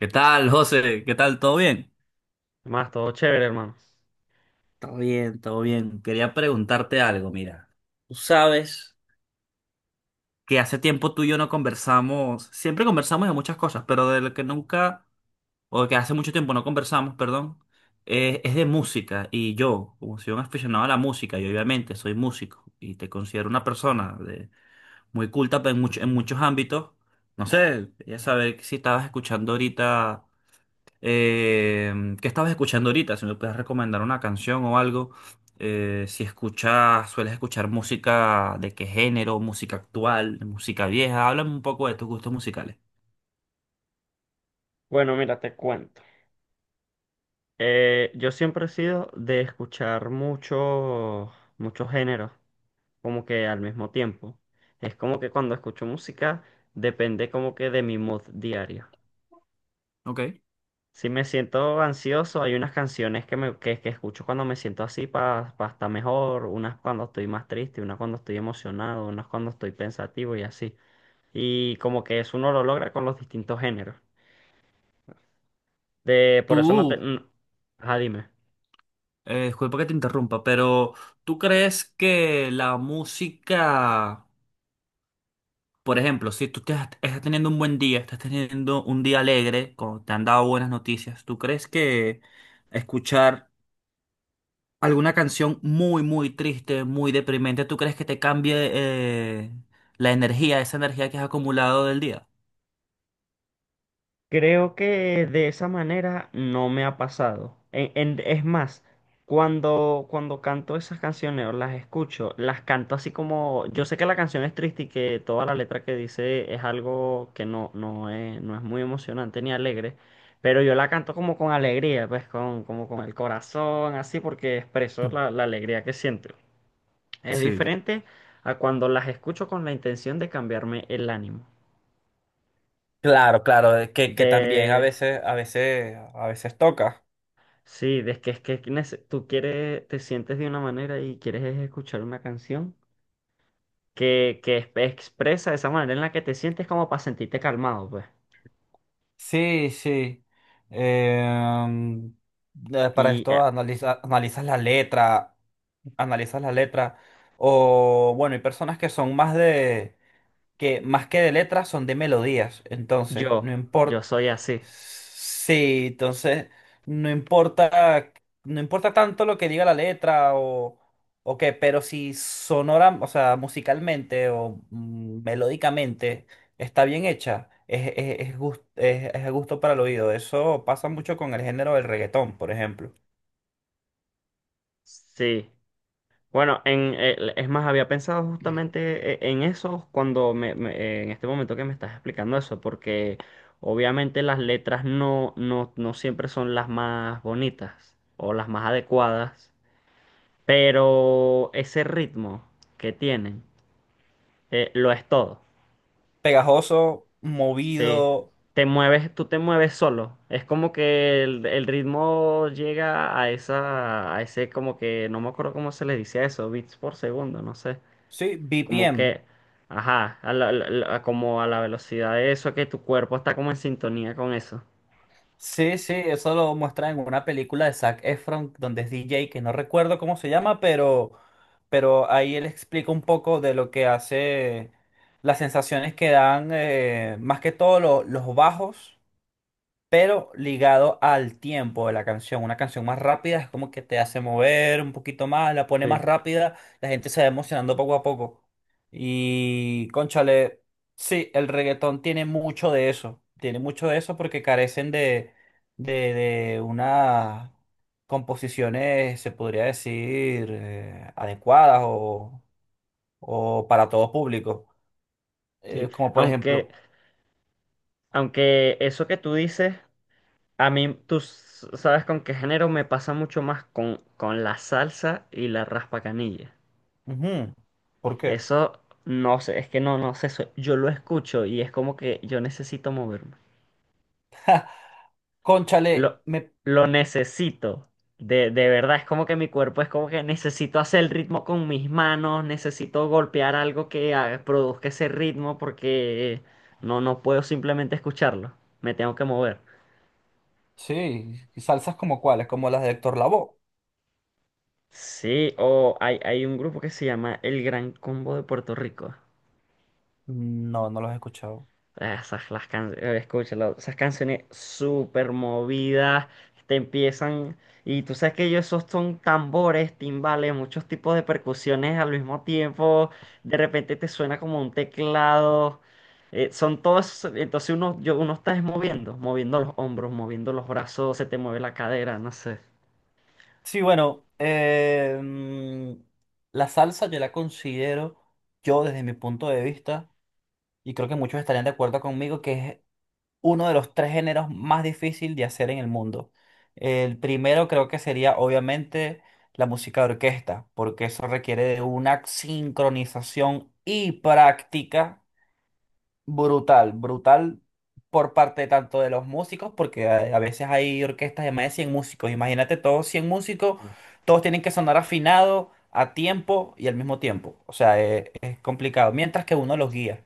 ¿Qué tal, José? ¿Qué tal? ¿Todo bien? Más todo chévere, hermano. Todo bien, todo bien. Quería preguntarte algo, mira. Tú sabes que hace tiempo tú y yo no conversamos, siempre conversamos de muchas cosas, pero de lo que nunca, o que hace mucho tiempo no conversamos, perdón, es de música. Y yo, como soy un aficionado a la música, y obviamente soy músico, y te considero una persona de, muy culta pues, en muchos ámbitos, no sé, ya saber si estabas escuchando ahorita. Eh, ¿Qué estabas escuchando ahorita? Si me puedes recomendar una canción o algo. Si escuchas, sueles escuchar música de qué género, música actual, música vieja. Háblame un poco de tus gustos musicales. Bueno, mira, te cuento. Yo siempre he sido de escuchar muchos géneros, como que al mismo tiempo. Es como que cuando escucho música, depende como que de mi mood diario. Ok. Si me siento ansioso, hay unas canciones que escucho cuando me siento así para estar mejor, unas cuando estoy más triste, unas cuando estoy emocionado, unas cuando estoy pensativo y así. Y como que eso uno lo logra con los distintos géneros. Por eso no te... Tú, Ajá, dime. Disculpa que te interrumpa, pero ¿tú crees que la música, por ejemplo, si tú estás teniendo un buen día, estás teniendo un día alegre, como te han dado buenas noticias, ¿tú crees que escuchar alguna canción muy, muy triste, muy deprimente, ¿tú crees que te cambie la energía, esa energía que has acumulado del día? Creo que de esa manera no me ha pasado. Es más, cuando canto esas canciones o las escucho, las canto así como, yo sé que la canción es triste y que toda la letra que dice es algo que no, no es, no es muy emocionante ni alegre, pero yo la canto como con alegría, pues con, como con el corazón, así porque expreso la alegría que siento. Es Sí. diferente a cuando las escucho con la intención de cambiarme el ánimo. Claro, claro, que también a veces, a veces, a veces toca. Sí, es que nece- tú quieres, te sientes de una manera y quieres es escuchar una canción que es- expresa esa manera en la que te sientes como para sentirte calmado, pues. Sí, sí. Em, para Y esto analizas la letra, analizas la letra. O bueno, hay personas que son más de, que más que de letras son de melodías. Entonces, yo, no yo importa. soy así. Sí, entonces, no importa, no importa tanto lo que diga la letra o qué, pero si sonora, o sea, musicalmente o melódicamente está bien hecha, es a gusto para el oído. Eso pasa mucho con el género del reggaetón, por ejemplo. Sí. Bueno, es más, había pensado justamente en eso cuando en este momento que me estás explicando eso, porque obviamente las letras no siempre son las más bonitas o las más adecuadas. Pero ese ritmo que tienen, lo es todo. Pegajoso, Sí. movido, Te mueves, tú te mueves solo. Es como que el ritmo llega a esa, a ese como que, no me acuerdo cómo se le dice a eso, bits por segundo, no sé. sí, Como BPM. que, ajá, a la- la- la- como a la velocidad de eso, que tu cuerpo está como en sintonía con eso. Sí, sí, eso lo muestra en una película de Zac Efron, donde es DJ, que no recuerdo cómo se llama, pero ahí él explica un poco de lo que hace, las sensaciones que dan, más que todo los bajos pero ligado al tiempo de la canción. Una canción más rápida es como que te hace mover un poquito más, la pone más Sí, rápida, la gente se va emocionando poco a poco. Y, cónchale, sí, el reggaetón tiene mucho de eso, tiene mucho de eso porque carecen de, de, de unas composiciones, se podría decir, adecuadas o para todo público. sí. Como por Aunque, ejemplo, aunque eso que tú dices. A mí, tú s- sabes con qué género me pasa mucho más con la salsa y la raspacanilla. ujú, ¿por qué? Eso no sé, es que no sé, eso- yo lo escucho y es como que yo necesito moverme. Cónchale, Lo, me lo necesito, de verdad, es como que mi cuerpo es como que necesito hacer el ritmo con mis manos, necesito golpear algo que haga- produzca ese ritmo porque no puedo simplemente escucharlo, me tengo que mover. sí, ¿y salsas como cuáles? ¿Como las de Héctor Lavoe? Sí, o hay un grupo que se llama El Gran Combo de Puerto Rico. No, no los he escuchado. Ah, esas las canciones, escúchalo, esas canciones súper movidas, te empiezan, y tú sabes que ellos esos son tambores, timbales, muchos tipos de percusiones al mismo tiempo, de repente te suena como un teclado, son todos, entonces uno está es moviendo, moviendo los hombros, moviendo los brazos, se te mueve la cadera, no sé, Sí, bueno, la salsa yo la considero, yo desde mi punto de vista, y creo que muchos estarían de acuerdo conmigo, que es uno de los tres géneros más difícil de hacer en el mundo. El primero creo que sería obviamente la música de orquesta, porque eso requiere de una sincronización y práctica brutal, brutal por parte tanto de los músicos, porque a veces hay orquestas de más de 100 músicos. Imagínate todos 100 músicos, todos tienen que sonar afinado, a tiempo y al mismo tiempo. O sea, es complicado, mientras que uno los guía.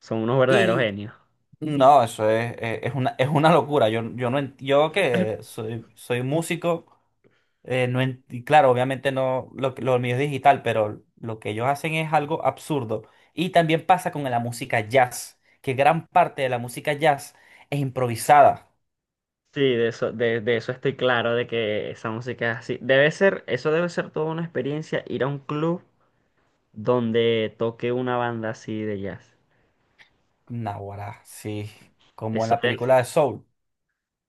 son unos verdaderos Y genios. no, eso es una locura. No, yo que soy, soy músico, no y claro, obviamente no, lo mío es digital, pero lo que ellos hacen es algo absurdo. Y también pasa con la música jazz, que gran parte de la música jazz es improvisada. Sí, de eso estoy claro, de que esa música es así. Debe ser, eso debe ser toda una experiencia, ir a un club donde toque una banda así de jazz. Naguará, sí, como en Eso la debe película ser- de Soul.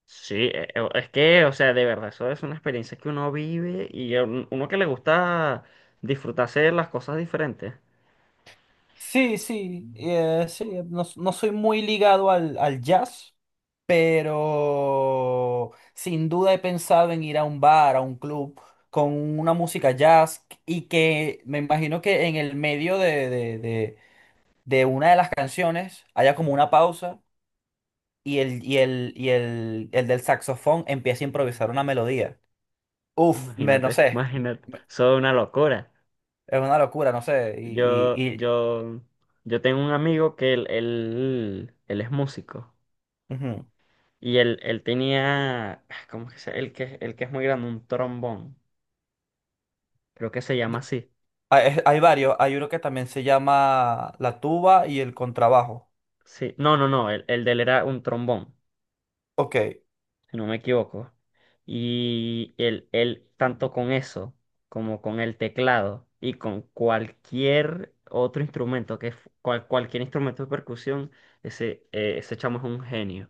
sí, es que, o sea, de verdad, eso es una experiencia que uno vive y a un- uno que le gusta disfrutarse de las cosas diferentes. Sí, sí, sí, no, no soy muy ligado al, al jazz, pero sin duda he pensado en ir a un bar, a un club con una música jazz y que me imagino que en el medio de una de las canciones haya como una pausa y el, y el, y el, el del saxofón empieza a improvisar una melodía. Uf, no Imagínate, sé. imagínate, eso es una locura. Es una locura, no sé. Yo, yo, yo tengo un amigo que él es músico. Ujú. Y él tenía, ah, ¿cómo que se? El que es muy grande, un trombón. Creo que se llama así. Hay, hay varios. Hay uno que también se llama la tuba y el contrabajo. Sí. No, no, no. El de él era un trombón, Ok. si no me equivoco. Y tanto con eso, como con el teclado y con cualquier otro instrumento, que es cual- cualquier instrumento de percusión, ese chamo es un genio.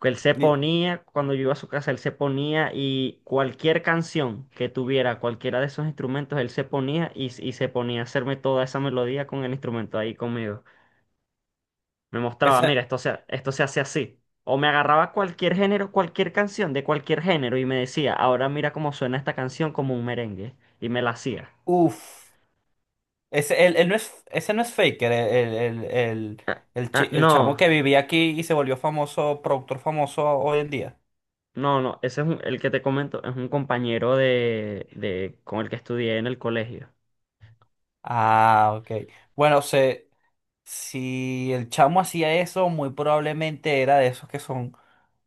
Que él se Y ponía, cuando yo iba a su casa, él se ponía y cualquier canción que tuviera, cualquiera de esos instrumentos, él se ponía y se ponía a hacerme toda esa melodía con el instrumento ahí conmigo. Me mostraba, ese, mira, esto se hace así. O me agarraba cualquier género, cualquier canción de cualquier género y me decía, ahora mira cómo suena esta canción como un merengue. Y me la hacía. uf. Ese, él no es, ese no es Faker, el, el, el, el, el Ah, chi- el chamo no, que vivía aquí y se volvió famoso, productor famoso hoy en día. no, no, ese es un- el que te comento, es un compañero con el que estudié en el colegio. Ah, ok. Bueno, si el chamo hacía eso, muy probablemente era de esos que son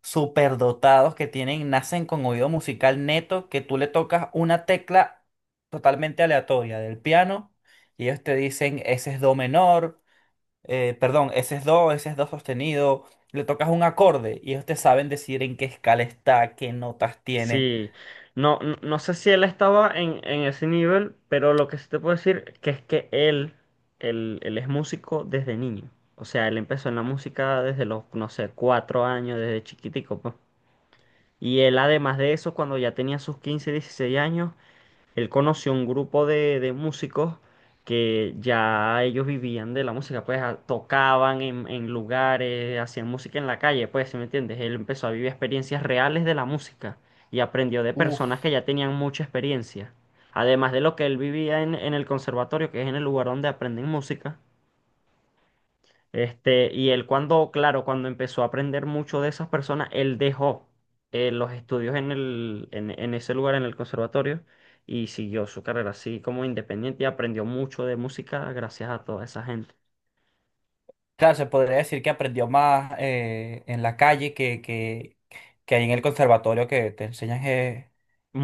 superdotados, que tienen, nacen con oído musical neto, que tú le tocas una tecla totalmente aleatoria del piano y ellos te dicen, ese es do menor, perdón, ese es do sostenido, le tocas un acorde y ellos te saben decir en qué escala está, qué notas tiene. Sí, no, no, no sé si él estaba en ese nivel, pero lo que sí te puedo decir que es que él es músico desde niño. O sea, él empezó en la música desde los, no sé, cuatro años, desde chiquitico, pues. Y él, además de eso, cuando ya tenía sus 15 16 años, él conoció un grupo de músicos que ya ellos vivían de la música, pues a- tocaban en lugares, hacían música en la calle, pues, ¿sí me entiendes? Él empezó a vivir experiencias reales de la música y aprendió de Uf, personas que ya tenían mucha experiencia. Además de lo que él vivía en el conservatorio, que es en el lugar donde aprenden música, este, y él cuando, claro, cuando empezó a aprender mucho de esas personas, él dejó los estudios en en ese lugar, en el conservatorio, y siguió su carrera así como independiente y aprendió mucho de música gracias a toda esa gente. claro, se podría decir que aprendió más en la calle que, que ahí en el conservatorio que te enseñan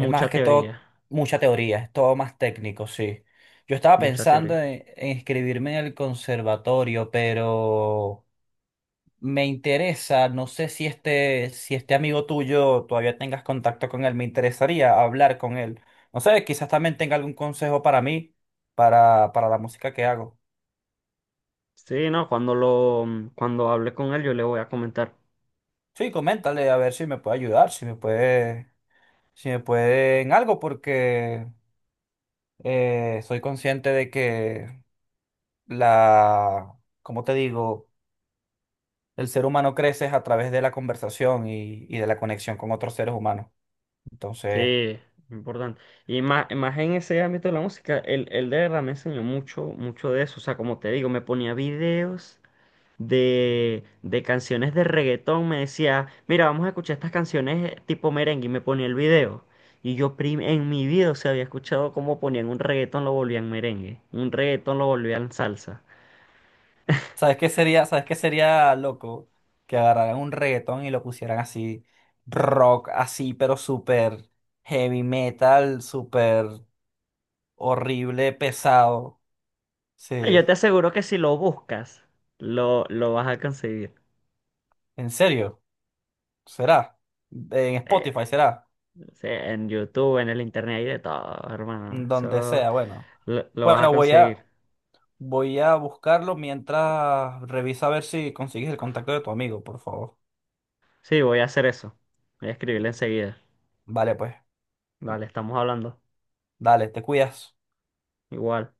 es más que todo teoría, mucha teoría, es todo más técnico, sí. Yo estaba mucha pensando teoría. En inscribirme en el conservatorio, pero me interesa, no sé si este amigo tuyo todavía tengas contacto con él, me interesaría hablar con él. No sé, quizás también tenga algún consejo para mí, para la música que hago. Sí, no, cuando lo, cuando hable con él yo le voy a comentar. Sí, coméntale a ver si me puede ayudar, si me puede en algo, porque soy consciente de que la, como te digo, el ser humano crece a través de la conversación y de la conexión con otros seres humanos. Entonces, Sí, importante. Y más, más en ese ámbito de la música, él de verdad me enseñó mucho, mucho de eso. O sea, como te digo, me ponía videos de canciones de reggaetón, me decía, mira, vamos a escuchar estas canciones tipo merengue y me ponía el video. Y yo prim- en mi vida, o sea, había escuchado cómo ponían un reggaetón, lo volvían merengue, un reggaetón lo volvían salsa. ¿sabes qué sería loco que agarraran un reggaetón y lo pusieran así, rock así, pero súper heavy metal, súper horrible, pesado? Ah, Sí, yo te aseguro que si lo buscas, lo vas a conseguir. en serio. Será. En Eh, Spotify será. sí, en YouTube, en el internet, hay de todo, hermano. Donde Eso sea, bueno. Lo vas a Bueno, voy a, conseguir. voy a buscarlo mientras revisa a ver si consigues el contacto de tu amigo, por favor. Sí, voy a hacer eso. Voy a escribirle enseguida. Vale, pues. Vale, estamos hablando. Dale, te cuidas. Igual.